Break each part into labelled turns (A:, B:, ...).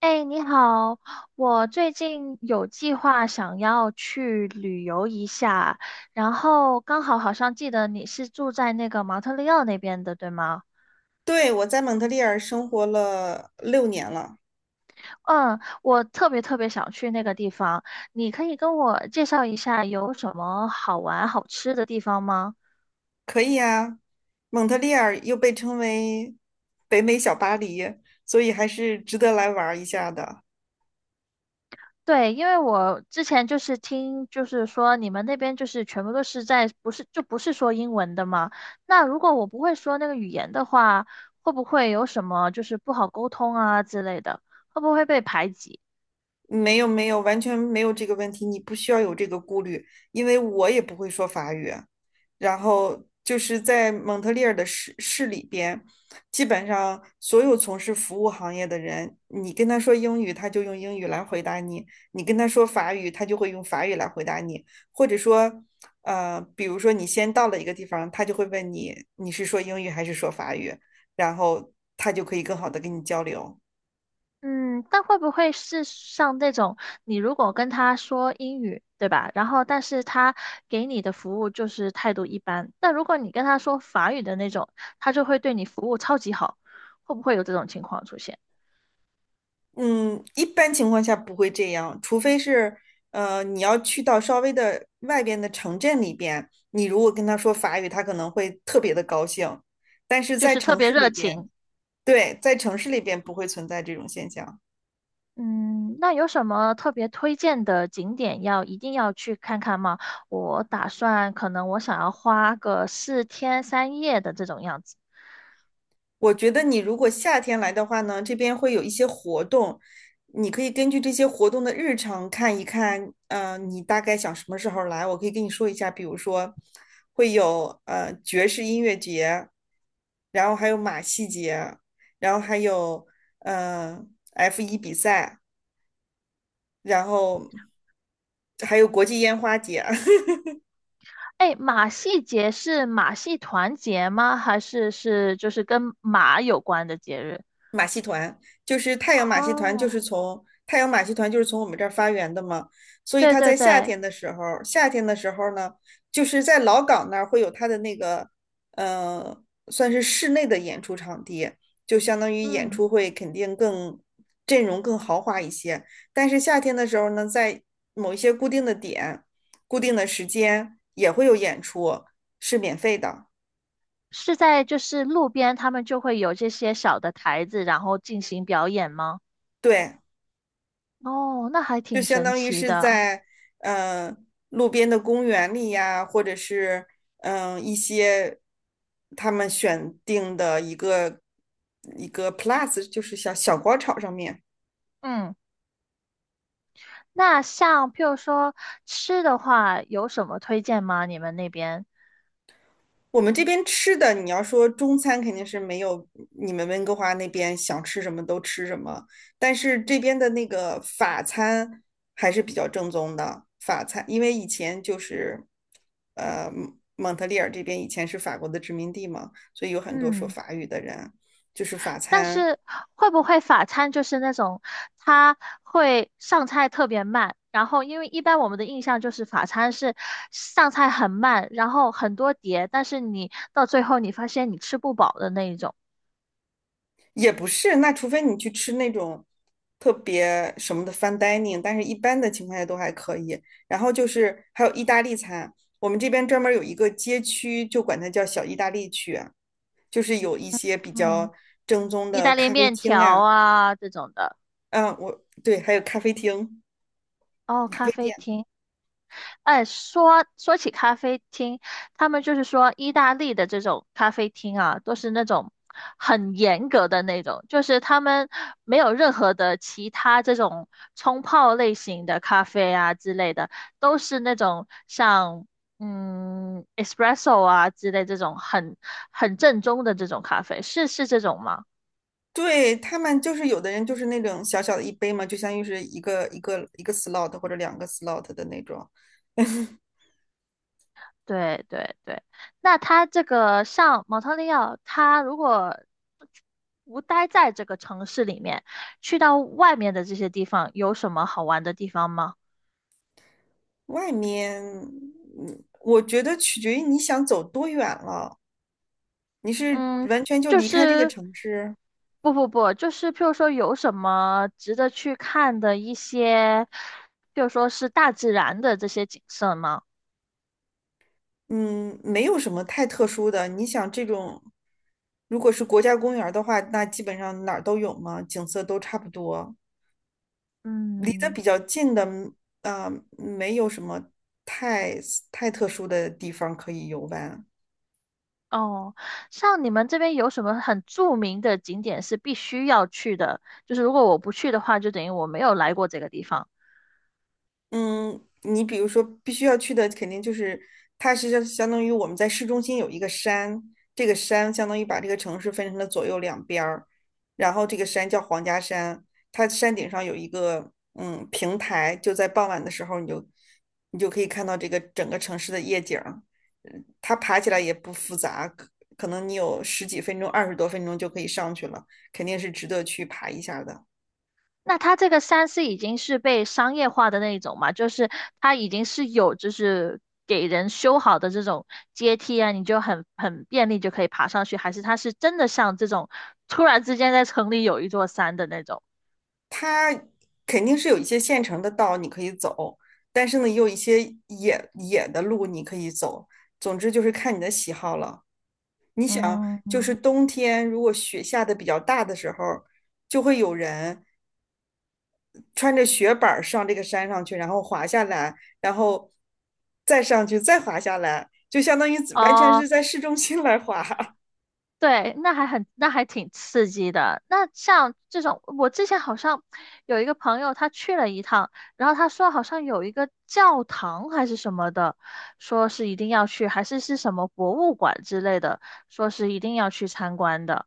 A: 哎，你好，我最近有计划想要去旅游一下，然后刚好好像记得你是住在那个蒙特利尔那边的，对吗？
B: 对，我在蒙特利尔生活了6年了，
A: 嗯，我特别特别想去那个地方，你可以跟我介绍一下有什么好玩好吃的地方吗？
B: 可以啊。蒙特利尔又被称为北美小巴黎，所以还是值得来玩儿一下的。
A: 对，因为我之前就是听，就是说你们那边就是全部都是在，不是，就不是说英文的嘛。那如果我不会说那个语言的话，会不会有什么就是不好沟通啊之类的？会不会被排挤？
B: 没有没有，完全没有这个问题，你不需要有这个顾虑，因为我也不会说法语。然后就是在蒙特利尔的市里边，基本上所有从事服务行业的人，你跟他说英语，他就用英语来回答你；你跟他说法语，他就会用法语来回答你。或者说，比如说你先到了一个地方，他就会问你你是说英语还是说法语，然后他就可以更好的跟你交流。
A: 嗯，但会不会是像那种你如果跟他说英语，对吧？然后但是他给你的服务就是态度一般，但如果你跟他说法语的那种，他就会对你服务超级好，会不会有这种情况出现？
B: 嗯，一般情况下不会这样，除非是，你要去到稍微的外边的城镇里边，你如果跟他说法语，他可能会特别的高兴。但是
A: 就
B: 在
A: 是特
B: 城
A: 别
B: 市
A: 热
B: 里边，
A: 情。
B: 对，在城市里边不会存在这种现象。
A: 嗯，那有什么特别推荐的景点要一定要去看看吗？我打算可能我想要花个四天三夜的这种样子。
B: 我觉得你如果夏天来的话呢，这边会有一些活动，你可以根据这些活动的日程看一看，你大概想什么时候来，我可以跟你说一下，比如说会有爵士音乐节，然后还有马戏节，然后还有呃 F1比赛，然后还有国际烟花节。
A: 哎，马戏节是马戏团节吗？还是是就是跟马有关的节日？
B: 马戏团，就是太阳马戏团，就
A: 哦，
B: 是从太阳马戏团就是从我们这儿发源的嘛，所以
A: 对
B: 它
A: 对
B: 在夏
A: 对，
B: 天的时候，夏天的时候呢，就是在老港那儿会有它的那个，呃，算是室内的演出场地，就相当于演
A: 嗯，
B: 出会肯定更阵容更豪华一些，但是夏天的时候呢，在某一些固定的点、固定的时间也会有演出，是免费的，
A: 是在就是路边他们就会有这些小的台子，然后进行表演吗？
B: 对。
A: 哦，那还
B: 就
A: 挺
B: 相
A: 神
B: 当于
A: 奇
B: 是
A: 的。
B: 在呃路边的公园里呀，或者是一些他们选定的一个 plus，就是小小广场上面。
A: 嗯。那像譬如说吃的话，有什么推荐吗？你们那边？
B: 我们这边吃的，你要说中餐肯定是没有你们温哥华那边想吃什么都吃什么，但是这边的那个法餐还是比较正宗的法餐，因为以前就是，蒙特利尔这边以前是法国的殖民地嘛，所以有很多说
A: 嗯，
B: 法语的人，就是法
A: 但
B: 餐
A: 是会不会法餐就是那种它会上菜特别慢，然后因为一般我们的印象就是法餐是上菜很慢，然后很多碟，但是你到最后你发现你吃不饱的那一种。
B: 也不是，那除非你去吃那种特别什么的 fine dining，但是一般的情况下都还可以。然后就是还有意大利餐，我们这边专门有一个街区，就管它叫小意大利区啊，就是有一些比
A: 嗯，
B: 较正宗
A: 意
B: 的
A: 大利
B: 咖啡
A: 面
B: 厅
A: 条
B: 呀、
A: 啊这种的。
B: 嗯，我对，还有咖啡厅、
A: 哦，
B: 咖啡
A: 咖啡
B: 店。
A: 厅。哎，说起咖啡厅，他们就是说意大利的这种咖啡厅啊，都是那种很严格的那种，就是他们没有任何的其他这种冲泡类型的咖啡啊之类的，都是那种像espresso 啊之类这种很很正宗的这种咖啡，是是这种吗？
B: 对，他们就是有的人就是那种小小的一杯嘛，就相当于是一个 slot 或者两个 slot 的那种。
A: 对对对，那他这个像蒙特利尔，他如果不待在这个城市里面，去到外面的这些地方，有什么好玩的地方吗？
B: 外面，我觉得取决于你想走多远了。你是
A: 嗯，
B: 完全就
A: 就
B: 离开这个
A: 是
B: 城市，
A: 不不不，就是譬如说有什么值得去看的一些，譬如说是大自然的这些景色吗？
B: 嗯，没有什么太特殊的。你想这种，如果是国家公园儿的话，那基本上哪儿都有嘛，景色都差不多。离得
A: 嗯。
B: 比较近的，啊、没有什么太太特殊的地方可以游玩。
A: 哦，像你们这边有什么很著名的景点是必须要去的？就是如果我不去的话，就等于我没有来过这个地方。
B: 嗯，你比如说，必须要去的肯定就是，它是相当于我们在市中心有一个山，这个山相当于把这个城市分成了左右两边儿，然后这个山叫皇家山，它山顶上有一个平台，就在傍晚的时候你就可以看到这个整个城市的夜景儿，它爬起来也不复杂，可能你有十几分钟、20多分钟就可以上去了，肯定是值得去爬一下的。
A: 那它这个山是已经是被商业化的那一种嘛？就是它已经是有就是给人修好的这种阶梯啊，你就很很便利就可以爬上去，还是它是真的像这种突然之间在城里有一座山的那种？
B: 它肯定是有一些现成的道你可以走，但是呢，也有一些野的路你可以走。总之就是看你的喜好了。你想，就是
A: 嗯，
B: 冬天如果雪下的比较大的时候，就会有人穿着雪板儿上这个山上去，然后滑下来，然后再上去，再滑下来，就相当于完全
A: 哦。
B: 是在市中心来滑。
A: 对，那还很，那还挺刺激的。那像这种，我之前好像有一个朋友，他去了一趟，然后他说好像有一个教堂还是什么的，说是一定要去，还是是什么博物馆之类的，说是一定要去参观的。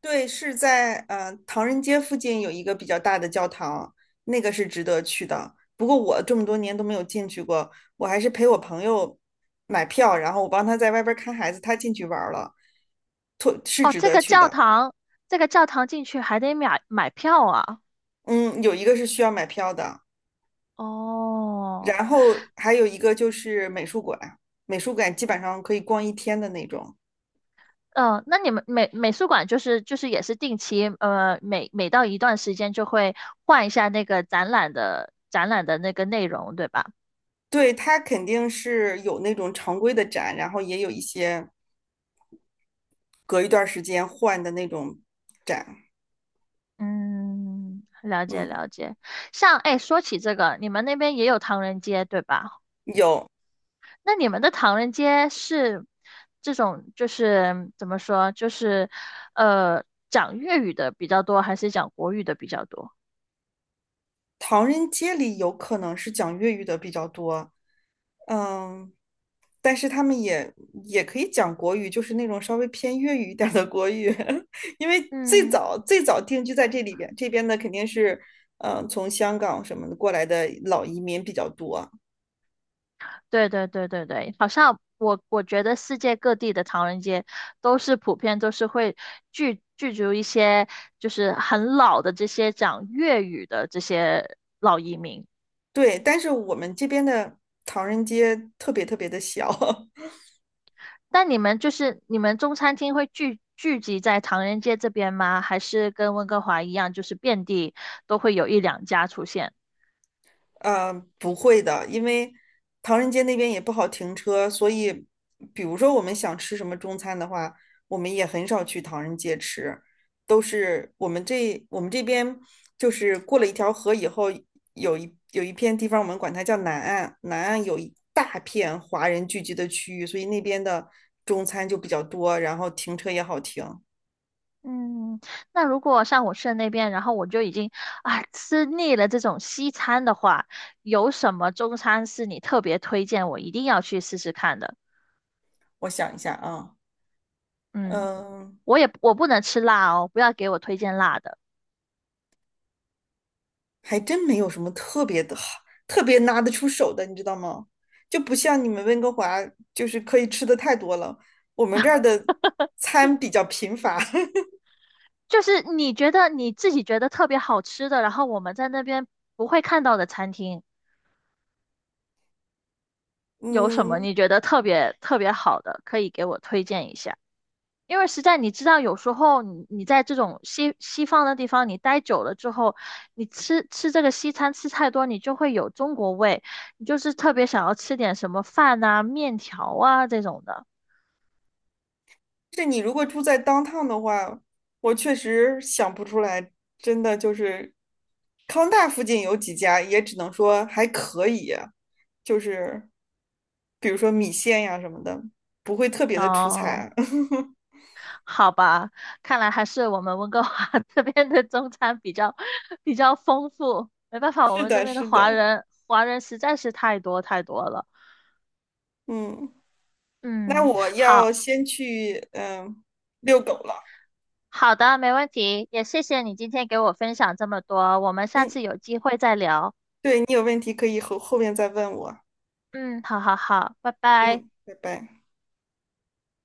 B: 对，是在唐人街附近有一个比较大的教堂，那个是值得去的。不过我这么多年都没有进去过，我还是陪我朋友买票，然后我帮他在外边看孩子，他进去玩儿了，特是
A: 哦，
B: 值
A: 这
B: 得
A: 个
B: 去
A: 教
B: 的。
A: 堂，这个教堂进去还得买票啊。
B: 嗯，有一个是需要买票的，
A: 哦。
B: 然后还有一个就是美术馆，美术馆基本上可以逛一天的那种。
A: 嗯，那你们美美术馆就是就是也是定期，每每到一段时间就会换一下那个展览的展览的那个内容，对吧？
B: 对，它肯定是有那种常规的展，然后也有一些隔一段时间换的那种展。
A: 嗯，了解
B: 嗯。
A: 了解。像哎，说起这个，你们那边也有唐人街，对吧？
B: 有。
A: 那你们的唐人街是这种就是怎么说，就是呃讲粤语的比较多，还是讲国语的比较多？
B: 唐人街里有可能是讲粤语的比较多，嗯，但是他们也可以讲国语，就是那种稍微偏粤语一点儿的国语，因为最
A: 嗯。
B: 早最早定居在这里边，这边的肯定是，从香港什么的过来的老移民比较多，
A: 对对对对对，好像我我觉得世界各地的唐人街都是普遍都是会聚聚集一些就是很老的这些讲粤语的这些老移民。
B: 对，但是我们这边的唐人街特别特别的小。
A: 但你们就是你们中餐厅会聚聚集在唐人街这边吗？还是跟温哥华一样，就是遍地都会有一两家出现？
B: 呃，不会的，因为唐人街那边也不好停车，所以比如说我们想吃什么中餐的话，我们也很少去唐人街吃，都是我们这边就是过了一条河以后，有一片地方，我们管它叫南岸，南岸有一大片华人聚集的区域，所以那边的中餐就比较多，然后停车也好停。
A: 嗯，那如果像我去的那边，然后我就已经啊吃腻了这种西餐的话，有什么中餐是你特别推荐我一定要去试试看的？
B: 我想一下啊。
A: 嗯，
B: 嗯。
A: 我也我不能吃辣哦，不要给我推荐辣的。
B: 还真没有什么特别的好，特别拿得出手的，你知道吗？就不像你们温哥华，就是可以吃的太多了。我们这儿的餐比较贫乏。
A: 就是你觉得你自己觉得特别好吃的，然后我们在那边不会看到的餐厅，有什么
B: 嗯，
A: 你觉得特别特别好的，可以给我推荐一下？因为实在你知道，有时候你你在这种西西方的地方你待久了之后，你吃吃这个西餐吃太多，你就会有中国味，你就是特别想要吃点什么饭啊、面条啊这种的。
B: 这你如果住在 downtown 的话，我确实想不出来，真的就是康大附近有几家，也只能说还可以，就是比如说米线呀什么的，不会特别的出
A: 哦，
B: 彩。
A: 好吧，看来还是我们温哥华 这边的中餐比较比较丰富。没办法，我
B: 是
A: 们这
B: 的，
A: 边的
B: 是
A: 华
B: 的，
A: 人华人实在是太多太多了。
B: 嗯。那
A: 嗯，
B: 我
A: 好。
B: 要先去遛狗了。
A: 好的，没问题，也谢谢你今天给我分享这么多，我们下
B: 嗯，
A: 次有机会再聊。
B: 对，你有问题可以后面再问我。
A: 嗯，好好好，拜拜。
B: 嗯，拜拜。